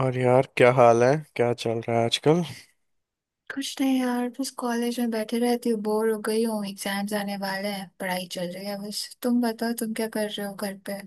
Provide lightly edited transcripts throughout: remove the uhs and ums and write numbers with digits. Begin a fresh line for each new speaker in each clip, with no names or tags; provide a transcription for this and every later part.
और यार, क्या हाल है? क्या चल रहा है आजकल?
कुछ नहीं यार, बस कॉलेज में बैठे रहती हूँ, बोर हो गई हूँ। एग्जाम्स आने वाले हैं, पढ़ाई चल रही है। बस तुम बताओ, तुम क्या कर रहे हो घर पे।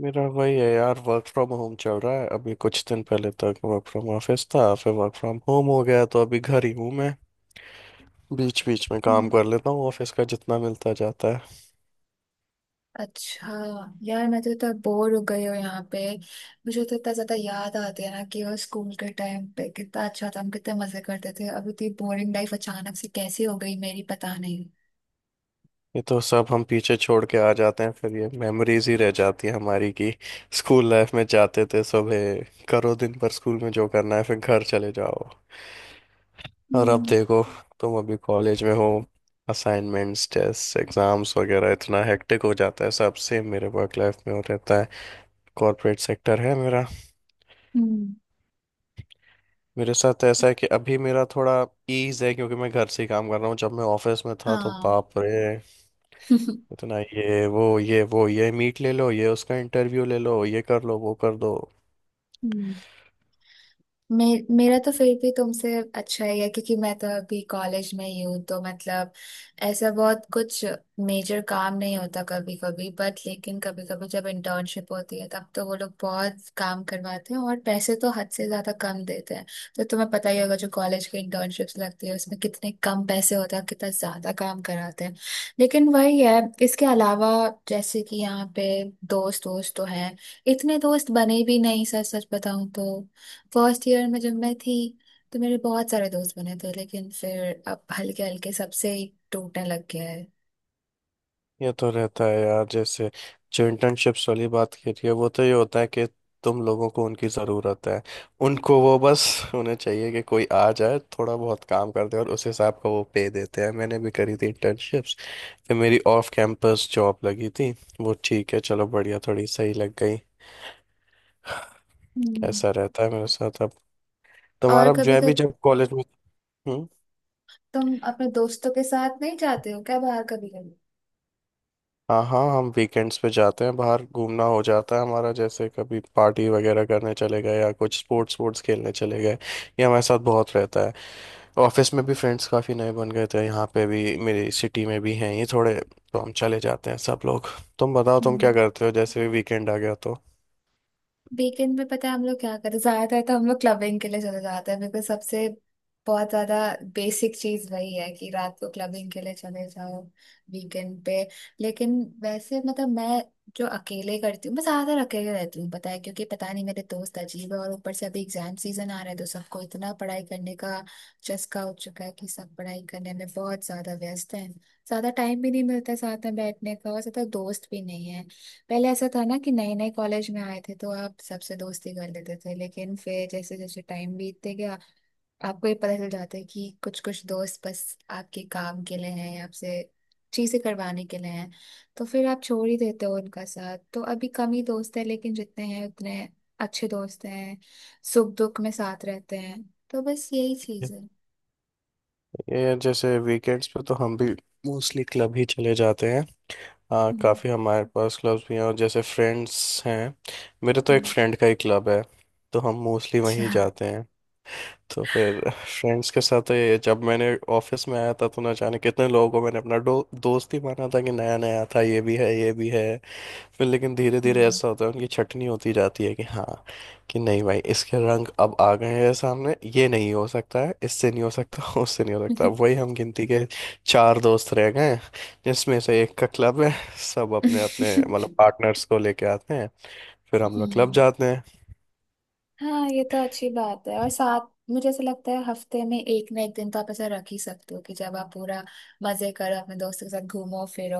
मेरा वही है यार, वर्क फ्रॉम होम चल रहा है। अभी कुछ दिन पहले तक वर्क फ्रॉम ऑफिस था, फिर वर्क फ्रॉम होम हो गया, तो अभी घर ही हूँ मैं। बीच बीच में काम
हम्म,
कर लेता हूँ ऑफिस का, जितना मिलता जाता है।
अच्छा। यार मैं तो इतना बोर हो गई हूँ यहाँ पे। मुझे तो इतना ज्यादा याद आते हैं ना कि वो स्कूल के टाइम पे कितना अच्छा था, हम कितने मजे करते थे। अब इतनी बोरिंग लाइफ अचानक से कैसी हो गई मेरी, पता नहीं।
ये तो सब हम पीछे छोड़ के आ जाते हैं, फिर ये मेमोरीज ही रह जाती है हमारी, कि स्कूल लाइफ में जाते थे सुबह, करो दिन भर स्कूल में जो करना है, फिर घर चले जाओ। और अब
हम्म,
देखो, तुम अभी कॉलेज में हो, असाइनमेंट्स, टेस्ट, एग्जाम्स वगैरह, इतना हेक्टिक हो जाता है। सब सेम मेरे वर्क लाइफ में हो रहता है, कॉर्पोरेट सेक्टर है मेरा।
हम्म।
मेरे साथ तो ऐसा है कि अभी मेरा थोड़ा ईज है, क्योंकि मैं घर से ही काम कर रहा हूँ। जब मैं ऑफिस में था तो
हाँ।
बाप रे, इतना ये वो, ये वो, ये मीट ले लो, ये उसका इंटरव्यू ले लो, ये कर लो, वो कर दो।
हम्म। मे, मेरा तो फिर भी तुमसे अच्छा ही है क्योंकि मैं तो अभी कॉलेज में ही हूँ, तो मतलब ऐसा बहुत कुछ मेजर काम नहीं होता कभी कभी। बट लेकिन कभी कभी जब इंटर्नशिप होती है, तब तो वो लोग बहुत काम करवाते हैं और पैसे तो हद से ज्यादा कम देते हैं। तो तुम्हें पता ही होगा जो कॉलेज की इंटर्नशिप्स लगती है उसमें कितने कम पैसे होते हैं और कितना ज्यादा काम कराते हैं। लेकिन वही है, इसके अलावा जैसे कि यहाँ पे दोस्त दोस्त तो हैं, इतने दोस्त बने भी नहीं सच सच बताऊं तो। फर्स्ट ईयर में जब मैं थी तो मेरे बहुत सारे दोस्त बने थे, लेकिन फिर अब हल्के हल्के सबसे ही टूटने लग गया है।
ये तो रहता है यार। जैसे जो इंटर्नशिप्स वाली बात की रही है, वो तो ये होता है कि तुम लोगों को उनकी ज़रूरत है, उनको वो बस, उन्हें चाहिए कि कोई आ जाए, थोड़ा बहुत काम कर दे, और उस हिसाब का वो पे देते हैं। मैंने भी करी थी इंटर्नशिप्स, फिर मेरी ऑफ कैंपस जॉब लगी थी, वो ठीक है, चलो बढ़िया, थोड़ी सही लग गई।
हम्म।
ऐसा रहता है मेरे साथ अब।
और
तुम्हारा जो
कभी
है भी
कभी
जब कॉलेज में। हम्म।
तुम अपने दोस्तों के साथ नहीं जाते हो क्या बाहर कभी?
हाँ हाँ, हम वीकेंड्स पे जाते हैं, बाहर घूमना हो जाता है हमारा, जैसे कभी पार्टी वगैरह करने चले गए, या कुछ स्पोर्ट्स स्पोर्ट्स खेलने चले गए। ये हमारे साथ बहुत रहता है। ऑफिस में भी फ्रेंड्स काफ़ी नए बन गए थे, यहाँ पे भी मेरी सिटी में भी हैं ये थोड़े, तो हम चले जाते हैं सब लोग। तुम बताओ, तुम क्या
कभी
करते हो जैसे वीकेंड आ गया तो?
वीकेंड पे, पता है हम लोग क्या करते हैं? ज्यादातर तो हम लोग क्लबिंग के लिए चले जाते हैं, बिकॉज सबसे बहुत ज्यादा बेसिक चीज वही है कि रात को क्लबिंग के लिए चले जाओ वीकेंड पे। लेकिन वैसे मतलब मैं जो अकेले करती हूँ, मैं ज्यादातर अकेले रहती हूँ पता है, क्योंकि पता नहीं मेरे दोस्त अजीब है और ऊपर से अभी एग्जाम सीजन आ रहा है, तो सबको इतना पढ़ाई करने का चस्का हो चुका है कि सब पढ़ाई करने में बहुत ज्यादा व्यस्त हैं। ज्यादा टाइम भी नहीं मिलता साथ में बैठने का, और ज्यादा दोस्त भी नहीं है। पहले ऐसा था ना कि नए नए कॉलेज में आए थे तो आप सबसे दोस्ती कर लेते थे, लेकिन फिर जैसे जैसे टाइम बीतते गया, आपको ये पता चल जाता है कि कुछ कुछ दोस्त बस आपके काम के लिए हैं, आपसे चीजें करवाने के लिए हैं। तो फिर आप छोड़ ही देते हो उनका साथ। तो अभी कम ही दोस्त है, लेकिन जितने हैं उतने अच्छे दोस्त हैं, सुख दुख में साथ रहते हैं। तो बस यही चीज है।
ये यार, जैसे वीकेंड्स पे तो हम भी मोस्टली क्लब ही चले जाते हैं। हाँ
हम्म,
काफ़ी, हमारे पास क्लब्स भी हैं और जैसे फ्रेंड्स हैं। मेरे तो एक
हम्म,
फ्रेंड का ही क्लब है, तो हम मोस्टली वहीं
अच्छा।
जाते हैं। तो फिर फ्रेंड्स के साथ तो ये, जब मैंने ऑफिस में आया था तो ना जाने कितने लोगों को मैंने अपना दोस्त ही माना था, कि नया नया था, ये भी है, ये भी है। फिर लेकिन धीरे धीरे
हम्म।
ऐसा होता है, उनकी छटनी होती जाती है कि हाँ, कि नहीं भाई, इसके रंग अब आ गए हैं सामने, ये नहीं हो सकता है, इससे नहीं हो सकता उससे नहीं हो सकता। वही, हम गिनती के चार दोस्त रह गए हैं, जिसमें से एक का क्लब है, सब अपने अपने मतलब पार्टनर्स को लेके आते हैं, फिर हम लोग क्लब
हम्म।
जाते हैं।
हाँ, ये तो अच्छी बात है। और साथ मुझे ऐसा लगता है हफ्ते में एक ना एक दिन तो आप ऐसा रख ही सकते हो कि जब आप पूरा मजे करो अपने दोस्तों के साथ, घूमो फिरो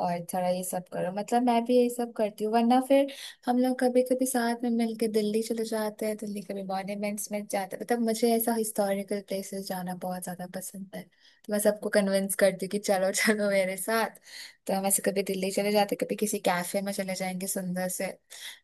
और थोड़ा ये सब करो। मतलब मैं भी ये सब करती हूँ, वरना फिर हम लोग कभी कभी साथ में मिलके दिल्ली चले जाते हैं, दिल्ली कभी मॉन्यूमेंट्स में जाते हैं। मतलब मुझे ऐसा हिस्टोरिकल प्लेसेस जाना बहुत ज्यादा पसंद है, तो मैं सबको कन्विंस करती हूँ कि चलो चलो मेरे साथ। तो हम ऐसे कभी दिल्ली चले जाते, कभी किसी कैफे में चले जाएंगे सुंदर से।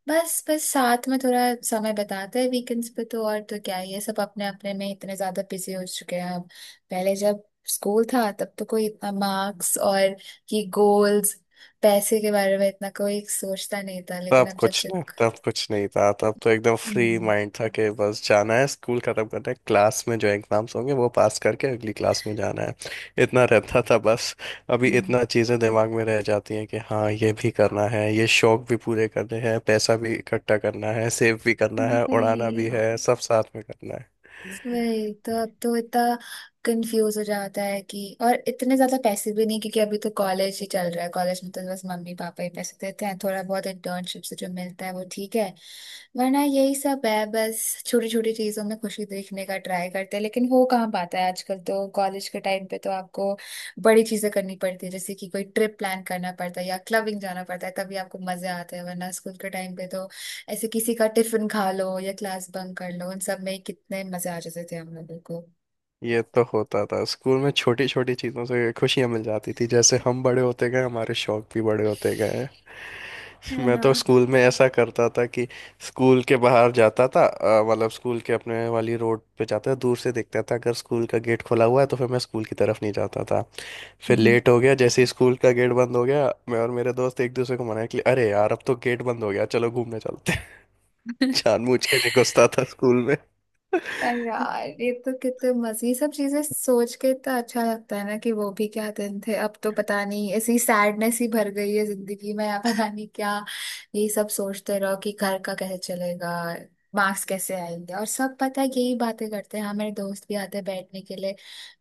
बस बस साथ में थोड़ा समय बताते हैं वीकेंड्स पे, तो और तो क्या ही है। सब अपने अपने में इतने ज्यादा बिजी हो चुके हैं अब। पहले जब स्कूल था तब तो कोई इतना मार्क्स और ये गोल्स, पैसे के बारे में इतना कोई सोचता नहीं था, लेकिन
तब
अब जब
कुछ
से।
नहीं तब कुछ नहीं था तब तो एकदम फ्री
हम्म।
माइंड था कि बस जाना है स्कूल, खत्म करना है, क्लास में जो एग्जाम्स होंगे वो पास करके अगली क्लास में जाना है। इतना रहता था बस। अभी
हम्म।
इतना चीज़ें दिमाग में रह जाती हैं कि हाँ, ये भी करना है, ये शौक भी पूरे करने हैं, पैसा भी इकट्ठा करना है, सेव भी करना है,
पर
उड़ाना
ये
भी है, सब साथ में करना है।
वही, तो अब तो इतना कंफ्यूज हो जाता है कि। और इतने ज्यादा पैसे भी नहीं क्योंकि अभी तो कॉलेज ही चल रहा है, कॉलेज में तो बस मम्मी पापा ही पैसे देते हैं। थोड़ा बहुत इंटर्नशिप से जो मिलता है वो ठीक है, वरना यही सब है। बस छोटी छोटी चीजों में खुशी देखने का ट्राई करते हैं, लेकिन हो कहाँ पाता है आजकल। तो कॉलेज के टाइम पे तो आपको बड़ी चीजें करनी पड़ती है, जैसे कि कोई ट्रिप प्लान करना पड़ता है या क्लबिंग जाना पड़ता है, तभी आपको मजे आते हैं। वरना स्कूल के टाइम पे तो ऐसे किसी का टिफिन खा लो या क्लास बंक कर लो, उन सब में कितने मजे आ जाते थे हम लोगों को।
ये तो होता था स्कूल में, छोटी छोटी चीज़ों से खुशियाँ मिल जाती थी। जैसे हम बड़े होते गए, हमारे शौक भी बड़े होते गए।
है
मैं
ना।
तो स्कूल में ऐसा करता था कि स्कूल के बाहर जाता था, मतलब स्कूल के अपने वाली रोड पे जाता था, दूर से देखता था अगर स्कूल का गेट खुला हुआ है तो फिर मैं स्कूल की तरफ नहीं जाता था। फिर
हम्म।
लेट हो गया, जैसे ही स्कूल का गेट बंद हो गया, मैं और मेरे दोस्त एक दूसरे को मनाया कि अरे यार, अब तो गेट बंद हो गया, चलो घूमने चलते हैं। जानबूझ के नहीं घुसता था स्कूल में।
अरे यार, ये तो कितने मजे! ये सब चीजें सोच के इतना अच्छा लगता है ना कि वो भी क्या दिन थे। अब तो पता नहीं ऐसी सैडनेस ही भर गई है जिंदगी में, या पता नहीं क्या। ये सब सोचते रहो कि घर का कैसे चलेगा, मार्क्स कैसे आएंगे। और सब पता है यही बातें करते हैं। हाँ, मेरे दोस्त भी आते हैं बैठने के लिए,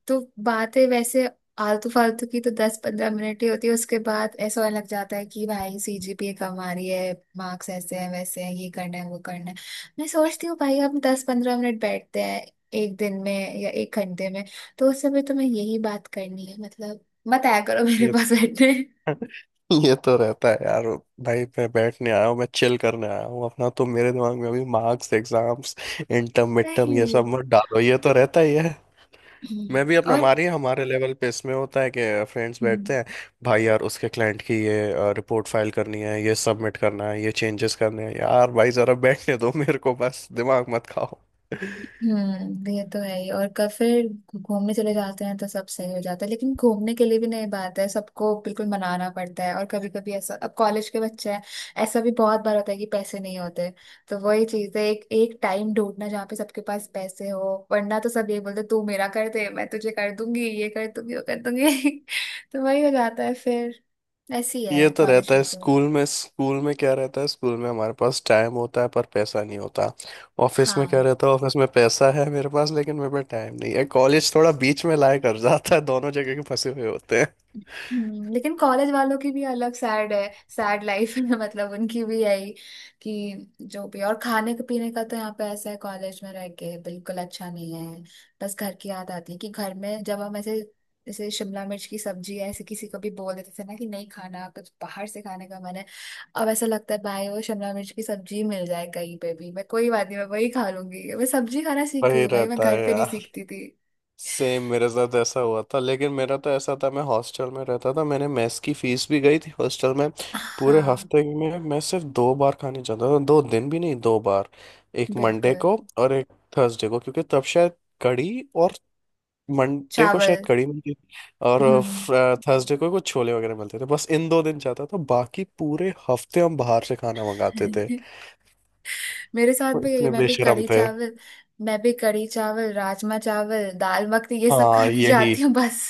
तो बातें वैसे आलतू फालतू की तो दस पंद्रह मिनट ही होती है। उसके बाद ऐसा होने लग जाता है कि भाई सीजीपीए कम आ रही है, मार्क्स ऐसे हैं वैसे हैं, ये करना है वो करना है। मैं सोचती हूँ भाई हम दस पंद्रह मिनट बैठते हैं एक दिन में या एक घंटे में, तो उस समय तुम्हें यही बात करनी है मतलब? मत आया करो मेरे
ये
पास बैठने।
ये तो रहता है यार। भाई, मैं बैठने आया हूँ, मैं चिल करने आया हूँ अपना, तो मेरे दिमाग में अभी मार्क्स, एग्जाम्स, इंटर्म, मिड टर्म ये
नहीं।
सब मत डालो, ये तो रहता ही है। मैं भी अपना हमारे हमारे लेवल पे इसमें होता है कि फ्रेंड्स
और
बैठते हैं, भाई यार उसके क्लाइंट की ये रिपोर्ट फाइल करनी है, ये सबमिट करना है, ये चेंजेस करने हैं, यार भाई जरा बैठने दो मेरे को, बस दिमाग मत खाओ।
हम्म, ये तो है ही। और कब फिर घूमने चले जाते हैं तो सब सही हो जाता है, लेकिन घूमने के लिए भी नहीं बात है, सबको बिल्कुल मनाना पड़ता है। और कभी कभी ऐसा, अब कॉलेज के बच्चे हैं, ऐसा भी बहुत बार होता है कि पैसे नहीं होते। तो वही चीज है एक एक टाइम ढूंढना जहाँ पे सबके पास पैसे हो, वरना तो सब ये बोलते तू मेरा कर दे मैं तुझे कर दूंगी, ये कर दूंगी वो कर दूंगी। तो वही हो जाता है फिर। ऐसी
ये
है
तो
कॉलेज
रहता है।
में तो।
स्कूल में, स्कूल में क्या रहता है? स्कूल में हमारे पास टाइम होता है पर पैसा नहीं होता। ऑफिस में क्या
हाँ।
रहता है? ऑफिस में पैसा है मेरे पास, लेकिन मेरे पास टाइम नहीं है। कॉलेज थोड़ा बीच में लाया कर जाता है, दोनों जगह के फंसे हुए होते हैं।
लेकिन कॉलेज वालों की भी अलग सैड है, सैड लाइफ है मतलब उनकी भी यही। कि जो भी। और खाने के पीने का तो यहाँ पे ऐसा है, कॉलेज में रह के बिल्कुल अच्छा नहीं है। बस घर की याद आती है कि घर में जब हम ऐसे, जैसे शिमला मिर्च की सब्जी, ऐसे किसी को भी बोल देते थे ना कि नहीं खाना, कुछ बाहर से खाने का मन है। अब ऐसा लगता है भाई वो शिमला मिर्च की सब्जी मिल जाए कहीं पे भी, मैं कोई बात नहीं मैं वही खा लूंगी। मैं सब्जी खाना सीख गई
वही
हूँ भाई, मैं
रहता
घर
है
पे नहीं
यार।
सीखती थी।
सेम मेरे साथ ऐसा हुआ था, लेकिन मेरा तो ऐसा था, मैं हॉस्टल में रहता था, मैंने मेस की फीस भी गई थी हॉस्टल में। पूरे
हाँ।
हफ्ते में मैं सिर्फ दो बार खाने जाता था, दो दिन भी नहीं, दो बार। एक मंडे
बिल्कुल
को और एक थर्सडे को, क्योंकि तब शायद कड़ी, और मंडे को शायद
चावल।
कड़ी मिलती थी, और
हम्म।
थर्सडे को कुछ छोले वगैरह मिलते थे। बस इन दो दिन जाता था, बाकी पूरे हफ्ते हम बाहर से खाना मंगाते थे।
मेरे साथ
वो
भी यही,
इतने
मैं भी
बेशरम
कढ़ी
थे।
चावल मैं भी कढ़ी चावल राजमा चावल दाल मखनी ये सब
हाँ
खाने
यही,
जाती हूँ बस।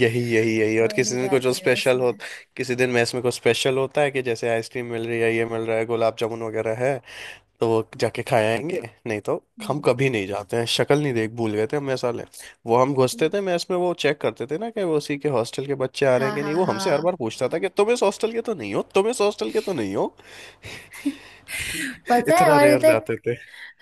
यही यही यही, और
और
किसी
नहीं
दिन कुछ
जाती बस
स्पेशल हो,
मैं।
किसी दिन मैस में कुछ स्पेशल होता है कि जैसे आइसक्रीम मिल रही है, ये मिल रहा है, गुलाब जामुन वगैरह है, तो वो जाके खाए आएंगे। नहीं तो हम
हम्म।
कभी नहीं जाते हैं, शक्ल नहीं देख भूल गए थे हम मैस वाले। वो हम घुसते थे मैस में, वो चेक करते थे ना कि वो उसी के हॉस्टल के बच्चे आ रहे हैं
हाँ,
कि नहीं,
हाँ,
वो हमसे हर बार
हाँ।
पूछता था कि तुम इस हॉस्टल के तो नहीं हो, तुम इस हॉस्टल के तो नहीं हो।
पता है।
इतना
और ये
रेयर
तक।
जाते थे।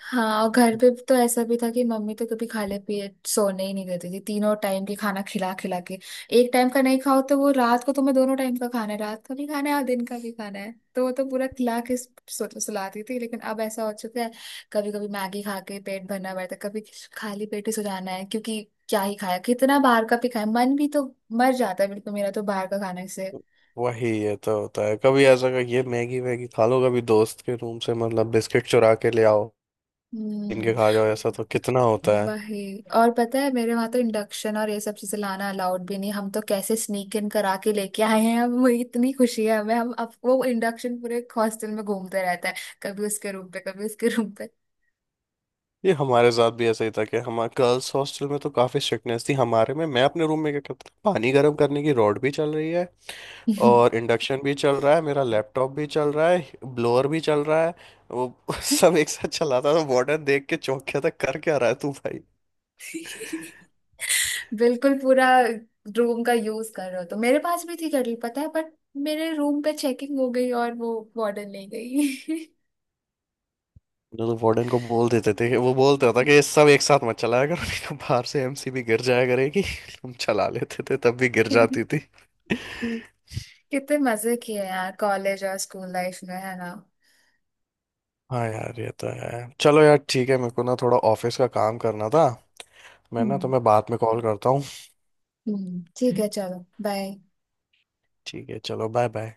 हाँ और घर पे तो ऐसा भी था कि मम्मी तो कभी खाले पिए सोने ही नहीं देती थी, तीनों टाइम के खाना खिला खिला के। एक टाइम का नहीं खाओ तो वो रात को तुम्हें दोनों टाइम का खाना है, रात का भी खाना है और दिन का भी खाना है, तो वो तो पूरा खिला के सुलाती थी। लेकिन अब ऐसा हो चुका है कभी कभी मैगी खा के पेट भरना पड़ता है, कभी खाली पेट ही सो जाना है क्योंकि क्या ही खाया, कितना बाहर का भी खाया। मन भी तो मर जाता है बिल्कुल मेरा तो बाहर का खाने से।
वही ये तो होता है, कभी ऐसा का ये मैगी वैगी खा लो, कभी दोस्त के रूम से मतलब बिस्किट चुरा के ले आओ, इनके
हम्म।
खा जाओ। ऐसा तो कितना होता है।
वही। और पता है मेरे वहां तो इंडक्शन और ये सब चीजें लाना अलाउड भी नहीं, हम तो कैसे स्नीक इन करा के लेके आए हैं। अब मुझे इतनी खुशी है हमें, हम अब वो इंडक्शन पूरे हॉस्टल में घूमते रहता है, कभी उसके रूम पे कभी उसके रूम पे।
ये हमारे साथ भी ऐसा ही था कि हमारे गर्ल्स हॉस्टल में तो काफी स्ट्रिक्टनेस थी। हमारे में, मैं अपने रूम में क्या करता था, पानी गर्म करने की रॉड भी चल रही है, और इंडक्शन भी चल रहा है, मेरा लैपटॉप भी चल रहा है, ब्लोअर भी चल रहा है, वो सब एक साथ चलाता था। वार्डन देख के चौंक गया था, कर क्या रहा है तू भाई।
बिल्कुल पूरा रूम का यूज कर रहे हो। तो मेरे पास भी थी केटल पता है, बट मेरे रूम पे चेकिंग हो गई और वो वार्डन ले गई।
ना, तो वार्डन को बोल देते थे वो बोलता था कि ये सब एक साथ मत चलाया करो, नहीं तो बाहर से एमसीबी गिर जाया करेगी। हम चला लेते थे, तब भी गिर जाती थी।
कितने मजे किए यार कॉलेज और स्कूल लाइफ में, है ना।
हाँ यार, ये तो है। चलो यार ठीक है, मेरे को ना थोड़ा ऑफिस का काम करना था, मैं ना
हम्म।
तुम्हें बाद में कॉल करता हूँ।
हम्म, ठीक है चलो बाय।
ठीक है, चलो बाय बाय।